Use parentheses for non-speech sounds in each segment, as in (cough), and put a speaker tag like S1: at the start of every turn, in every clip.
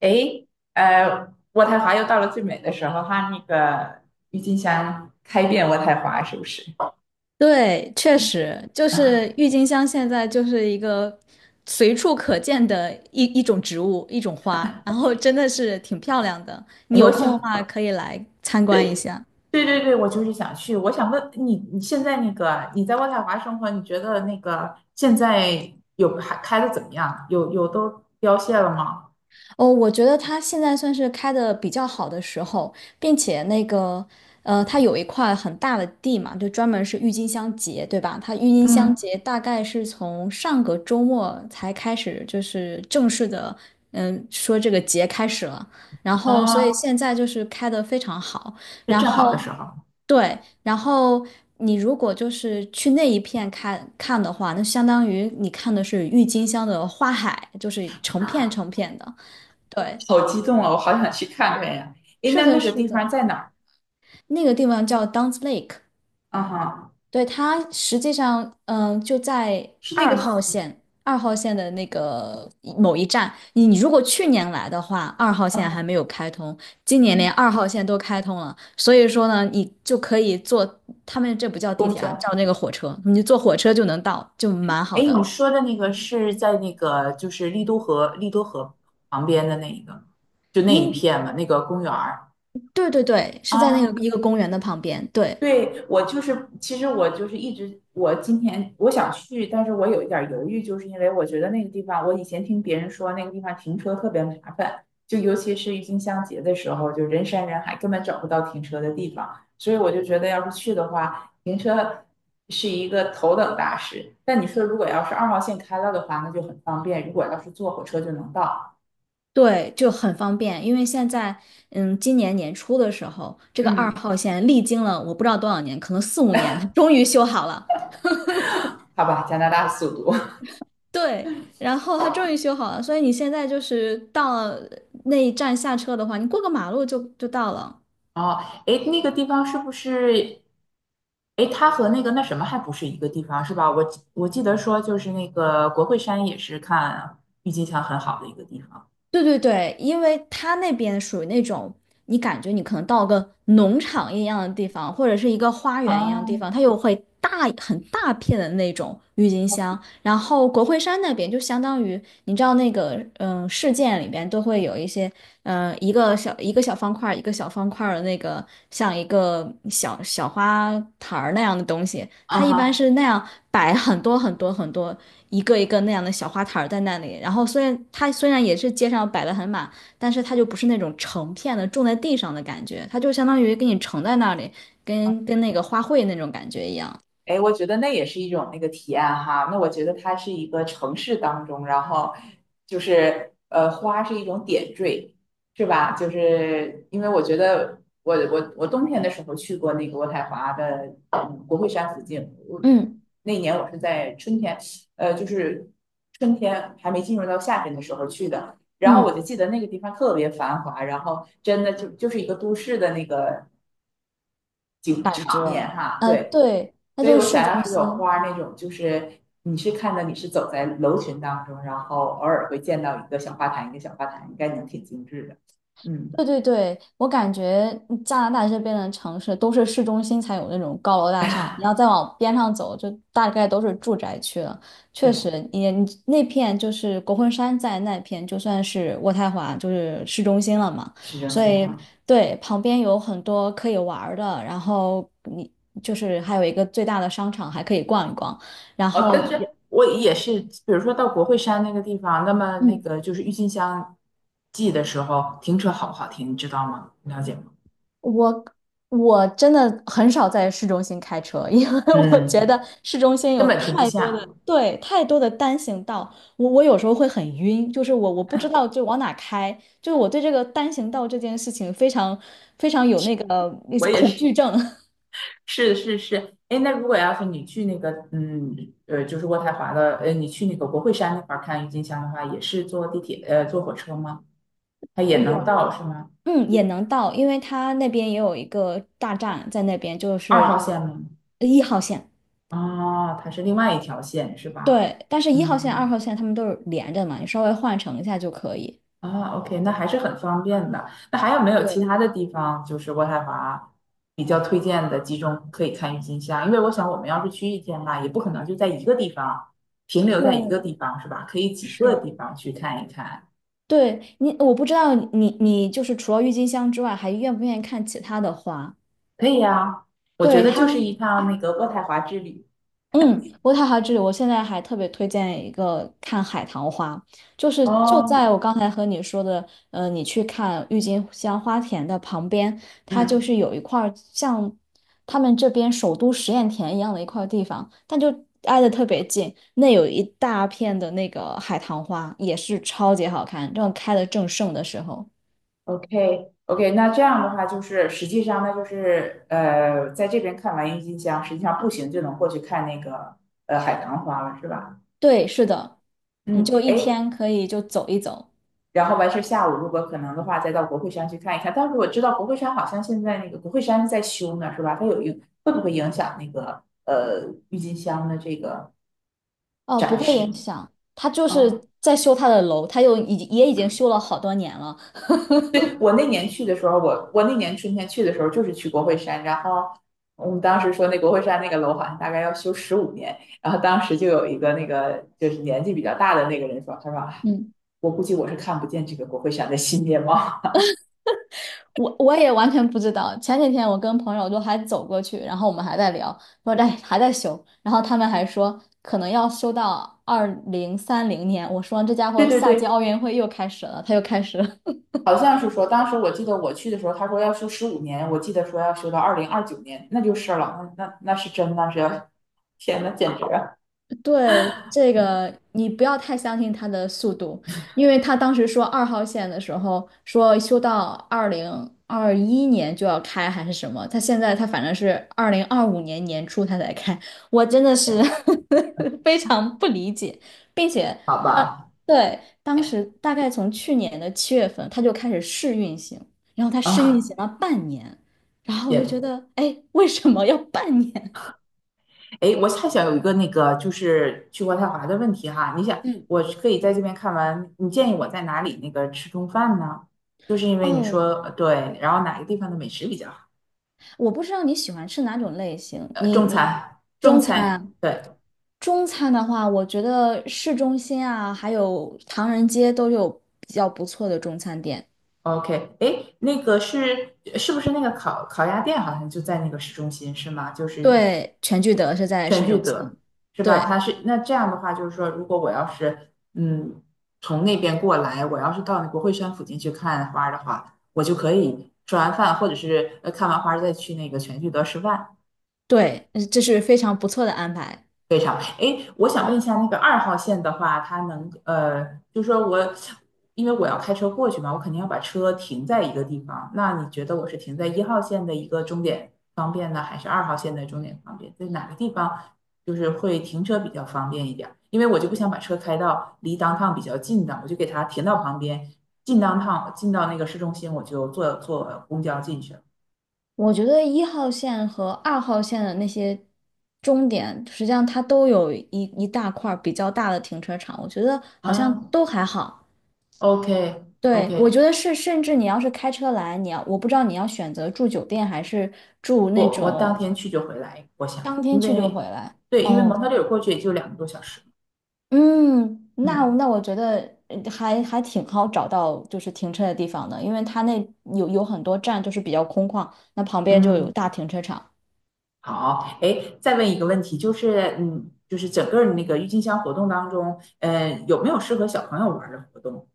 S1: 诶，呃，渥太华又到了最美的时候哈，那个郁金香开遍渥太华，是不是？
S2: 对，确实就是郁金香，现在就是一个随处可见的一种植物，一种花，然后真的是挺漂亮的。你
S1: 诶，我
S2: 有空的
S1: 想，
S2: 话可以来参观一下。
S1: 对对对，我就是想去。我想问你，你现在那个你在渥太华生活，你觉得那个现在有还开的怎么样？有都凋谢了吗？
S2: 哦，我觉得它现在算是开的比较好的时候，并且那个，它有一块很大的地嘛，就专门是郁金香节，对吧？它郁金香
S1: 嗯。
S2: 节大概是从上个周末才开始，就是正式的，说这个节开始了。然后，所以
S1: 啊，
S2: 现在就是开的非常好。
S1: 是
S2: 然
S1: 正
S2: 后，
S1: 好的时候。
S2: 对，然后你如果就是去那一片看看的话，那相当于你看的是郁金香的花海，就是成片成片的。对，
S1: 好激动啊！我好想去看看呀。诶，
S2: 是
S1: 那
S2: 的，
S1: 那个
S2: 是
S1: 地
S2: 的，
S1: 方在哪儿？
S2: 那个地方叫 d u n c e Lake，
S1: 啊哈，
S2: 对，它实际上，就在
S1: 是那个
S2: 二号
S1: 河。
S2: 线，二号线的那个某一站。你如果去年来的话，二号线还没
S1: 嗯，
S2: 有开通，今年连
S1: 嗯
S2: 二号线都开通了，所以说呢，你就可以坐，他们这不叫地
S1: 公
S2: 铁啊，
S1: 交。
S2: 叫那个火车，你就坐火车就能到，就蛮
S1: 哎，
S2: 好的。
S1: 你说的那个是在那个就是丽都河旁边的那一个，就那一
S2: 因，
S1: 片嘛，那个公园儿
S2: 对对对，是在那个
S1: 啊。
S2: 一个公园的旁边，对。
S1: 对，我就是，其实我就是一直，我今天我想去，但是我有一点儿犹豫，就是因为我觉得那个地方，我以前听别人说那个地方停车特别麻烦，就尤其是郁金香节的时候，就人山人海，根本找不到停车的地方，所以我就觉得要是去的话，停车是一个头等大事。但你说如果要是二号线开了的话，那就很方便，如果要是坐火车就能到。
S2: 对，就很方便，因为现在，今年年初的时候，这个二
S1: 嗯，
S2: 号线历经了我不知道多少年，可能四五年，它终于修好了。
S1: 好吧，加拿大速度。
S2: 对，然后它终于修好了，所以你现在就是到了那一站下车的话，你过个马路就到了。
S1: 哦，哎，那个地方是不是？哎，它和那个那什么还不是一个地方是吧？我记得说就是那个国会山也是看郁金香很好的一个地方。
S2: 对对对，因为它那边属于那种，你感觉你可能到个农场一样的地方，或者是一个花园一样的地方，
S1: 啊，
S2: 它又会很大片的那种郁金香。然后国会山那边就相当于，你知道那个事件里边都会有一些一个小方块儿的那个像一个小小花坛儿那样的东西，
S1: 啊
S2: 它一般
S1: 哈。
S2: 是那样摆很多很多很多。一个一个那样的小花坛在那里。然后虽然它也是街上摆的很满，但是它就不是那种成片的种在地上的感觉，它就相当于给你盛在那里，跟那个花卉那种感觉一样。
S1: 哎，我觉得那也是一种那个体验哈。那我觉得它是一个城市当中，然后就是花是一种点缀，是吧？就是因为我觉得我冬天的时候去过那个渥太华的国会山附近，我
S2: 嗯
S1: 那年我是在春天，就是春天还没进入到夏天的时候去的。然后我就
S2: 嗯，
S1: 记得那个地方特别繁华，然后真的就就是一个都市的那个景
S2: 感觉，
S1: 场面哈，对。
S2: 对，它
S1: 所以
S2: 就
S1: 我
S2: 是市
S1: 想
S2: 中
S1: 要是有
S2: 心。
S1: 花儿那种，就是你是看到你是走在楼群当中，然后偶尔会见到一个小花坛，一个小花坛，应该能挺精致的。嗯。
S2: 对对对，我感觉加拿大这边的城市都是市中心才有那种高楼大厦，
S1: (laughs)
S2: 你要再往边上走，就大概都是住宅区了。确
S1: 对，
S2: 实，你那片就是国会山在那片，就算是渥太华就是市中心了嘛，
S1: 市中
S2: 所
S1: 心
S2: 以
S1: 哈。
S2: 对，旁边有很多可以玩儿的，然后你就是还有一个最大的商场还可以逛一逛，然
S1: 哦，
S2: 后
S1: 但
S2: 也。
S1: 是我也是，比如说到国会山那个地方，那么那
S2: 嗯。
S1: 个就是郁金香季的时候，停车好不好停，你知道吗？你了解吗？
S2: 我我真的很少在市中心开车，因为 (laughs) 我觉
S1: 嗯，
S2: 得市中心
S1: 根
S2: 有
S1: 本停不
S2: 太多
S1: 下。
S2: 的，对，太多的单行道，我有时候会很晕，就是我不知道就往哪开，就是我对这个单行道这件事情非常非常有那
S1: 我
S2: 些
S1: 也
S2: 恐
S1: 是。
S2: 惧症。
S1: 是是是，哎，那如果要是你去那个，就是渥太华的，你去那个国会山那块儿看郁金香的话，也是坐地铁，坐火车吗？它
S2: (laughs)
S1: 也能
S2: 我
S1: 到是吗？
S2: 嗯也能到，因为它那边也有一个大站在那边，就
S1: 二号
S2: 是
S1: 线吗？
S2: 一号线，
S1: 哦，它是另外一条线是吧？
S2: 对，但是一号线、二
S1: 嗯，
S2: 号线他们都是连着嘛，你稍微换乘一下就可以。
S1: 啊，OK,那还是很方便的。那还有没有其
S2: 对，
S1: 他的地方，就是渥太华比较推荐的集中可以看郁金香？因为我想我们要是去1天吧，也不可能就在一个地方停留在一个
S2: 嗯，
S1: 地方是吧？可以几个
S2: 是。
S1: 地方去看一看。
S2: 对我不知道你就是除了郁金香之外，还愿不愿意看其他的花？
S1: 可以呀，我觉
S2: 对
S1: 得就是一趟那个渥太华之旅。
S2: 渥太华之旅，我现在还特别推荐一个看海棠花，就是在
S1: 哦，
S2: 我刚才和你说的，你去看郁金香花田的旁边，它就
S1: 嗯
S2: 是有一块儿像他们这边首都实验田一样的一块地方，但就挨得特别近，那有一大片的那个海棠花，也是超级好看，正开得正盛的时候。
S1: ，OK OK,那这样的话就是实际上那就是在这边看完郁金香，实际上步行就能过去看那个海棠花了，是吧？
S2: 对，是的，你
S1: 嗯，
S2: 就一
S1: 哎，
S2: 天可以就走一走，
S1: 然后完事儿下午如果可能的话，再到国会山去看一看。但是我知道国会山好像现在那个国会山是在修呢，是吧？它有影会不会影响那个郁金香的这个
S2: 哦，不
S1: 展
S2: 会
S1: 示？
S2: 影响。他就
S1: 哦，
S2: 是在修他的楼，他又已经也已经修了好多年了。
S1: 对，我那年去的时候，我那年春天去的时候就是去国会山，然后我们当时说那国会山那个楼好像大概要修十五年，然后当时就有一个那个就是年纪比较大的那个人说，他说哎
S2: 嗯，
S1: 我估计我是看不见这个国会山的新面貌。
S2: 我也完全不知道。前几天我跟朋友就还走过去，然后我们还在聊，说哎还在修，然后他们还说可能要修到2030年。我说这家
S1: (laughs) 对
S2: 伙
S1: 对
S2: 下届
S1: 对，
S2: 奥运会又开始了，他又开始了。
S1: 好像是说当时我记得我去的时候，他说要修十五年，我记得说要修到2029年，那就是了，那是真那是要，天呐，简直啊！
S2: 对，这个你不要太相信他的速度，因为他当时说二号线的时候说修到2021年就要开还是什么，他现在他反正是2025年年初他才开，我真的是 (laughs) 非常不理解，并且
S1: 好
S2: 呃，
S1: 吧，
S2: 对，当时大概从去年的7月份他就开始试运行，然后他试运
S1: 啊，
S2: 行了半年，然后我就
S1: 也
S2: 觉得，哎，为什么要半年？
S1: 哎，我还想有一个那个就是去渥太华的问题哈，你想
S2: 嗯，
S1: 我是可以在这边看完，你建议我在哪里那个吃中饭呢？就是因为你
S2: 哦，
S1: 说对，然后哪个地方的美食比较好？
S2: 我不知道你喜欢吃哪种类型，你
S1: 中
S2: 你
S1: 餐，中
S2: 中餐啊，
S1: 餐，对
S2: 中餐的话，我觉得市中心啊，还有唐人街都有比较不错的中餐店。
S1: ，OK,哎，那个是是不是那个烤鸭店好像就在那个市中心是吗？就是
S2: 对，全聚德是在
S1: 全
S2: 市
S1: 聚
S2: 中
S1: 德
S2: 心。
S1: 是吧？
S2: 对
S1: 它是那这样的话，就是说，如果我要是从那边过来，我要是到国会山附近去看花儿的话，我就可以吃完饭，或者是看完花儿再去那个全聚德吃饭。
S2: 对，这是非常不错的安排。
S1: 非常，哎，我想问一下，那个二号线的话，它能就说我，因为我要开车过去嘛，我肯定要把车停在一个地方。那你觉得我是停在1号线的一个终点方便呢，还是二号线的终点方便？在哪个地方就是会停车比较方便一点儿？因为我就不想把车开到离 downtown 比较近的，我就给它停到旁边，进 downtown,进到那个市中心，我就坐公交进去了。
S2: 我觉得一号线和二号线的那些终点，实际上它都有一大块儿比较大的停车场，我觉得好像
S1: 啊
S2: 都还好。
S1: ，OK OK,
S2: 对，我觉得是，甚至你要是开车来，你要，我不知道你要选择住酒店还是住那
S1: 我当
S2: 种
S1: 天去就回来，我想，
S2: 当
S1: 因
S2: 天去就
S1: 为
S2: 回来。
S1: 对，因为蒙特
S2: 哦，
S1: 利尔过去也就2个多小时。
S2: 嗯，那
S1: 嗯
S2: 那我觉得还挺好找到就是停车的地方的，因为它那有很多站就是比较空旷，那旁边就
S1: 嗯，
S2: 有大停车场。
S1: 好，哎，再问一个问题，就是嗯，就是整个那个郁金香活动当中，有没有适合小朋友玩儿的活动？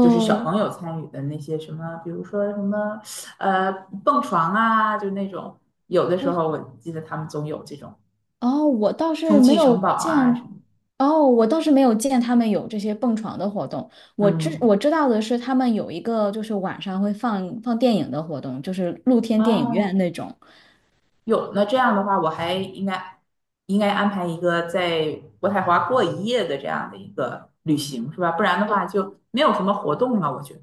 S1: 就是小朋友参与的那些什么，比如说什么呃蹦床啊，就那种，有的时候我记得他们总有这种
S2: 哦，
S1: 充气城堡啊什么。
S2: 我倒是没有见他们有这些蹦床的活动。
S1: 嗯，
S2: 我知道的是，他们有一个就是晚上会放电影的活动，就是露天电影院
S1: 哦，
S2: 那种。
S1: 有，那这样的话，我还应该安排一个在渥太华过一夜的这样的一个旅行，是吧？不然的
S2: 呃，
S1: 话就没有什么活动了，我觉得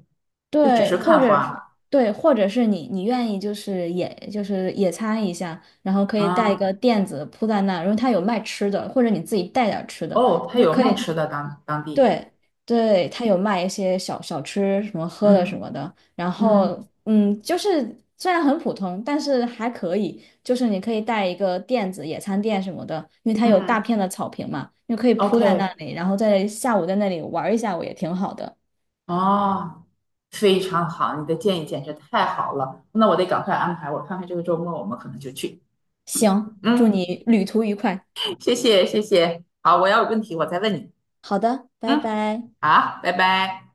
S1: 就只
S2: 对，
S1: 是
S2: 或
S1: 看
S2: 者
S1: 花
S2: 是
S1: 了
S2: 对，或者是你愿意就是野餐一下，然后可以带一
S1: 啊。
S2: 个垫子铺在那儿，然后他有卖吃的，或者你自己带点儿吃的，
S1: 哦，他
S2: 你就
S1: 有
S2: 可
S1: 卖
S2: 以。
S1: 吃的当地，
S2: 对对，他有卖一些小吃，什么喝的什
S1: 嗯
S2: 么的。然后，
S1: 嗯
S2: 就是虽然很普通，但是还可以。就是你可以带一个垫子、野餐垫什么的，因为它有大
S1: 嗯
S2: 片的草坪嘛，你可以铺在那
S1: ，OK,
S2: 里，然后在下午在那里玩一下午也挺好的。
S1: 哦，非常好，你的建议简直太好了，那我得赶快安排，我看看这个周末我们可能就去。
S2: 行，祝
S1: 嗯，
S2: 你旅途愉快。
S1: 谢谢，好，我要有问题我再问你。
S2: 好的，拜
S1: 嗯，
S2: 拜。
S1: 好，拜拜。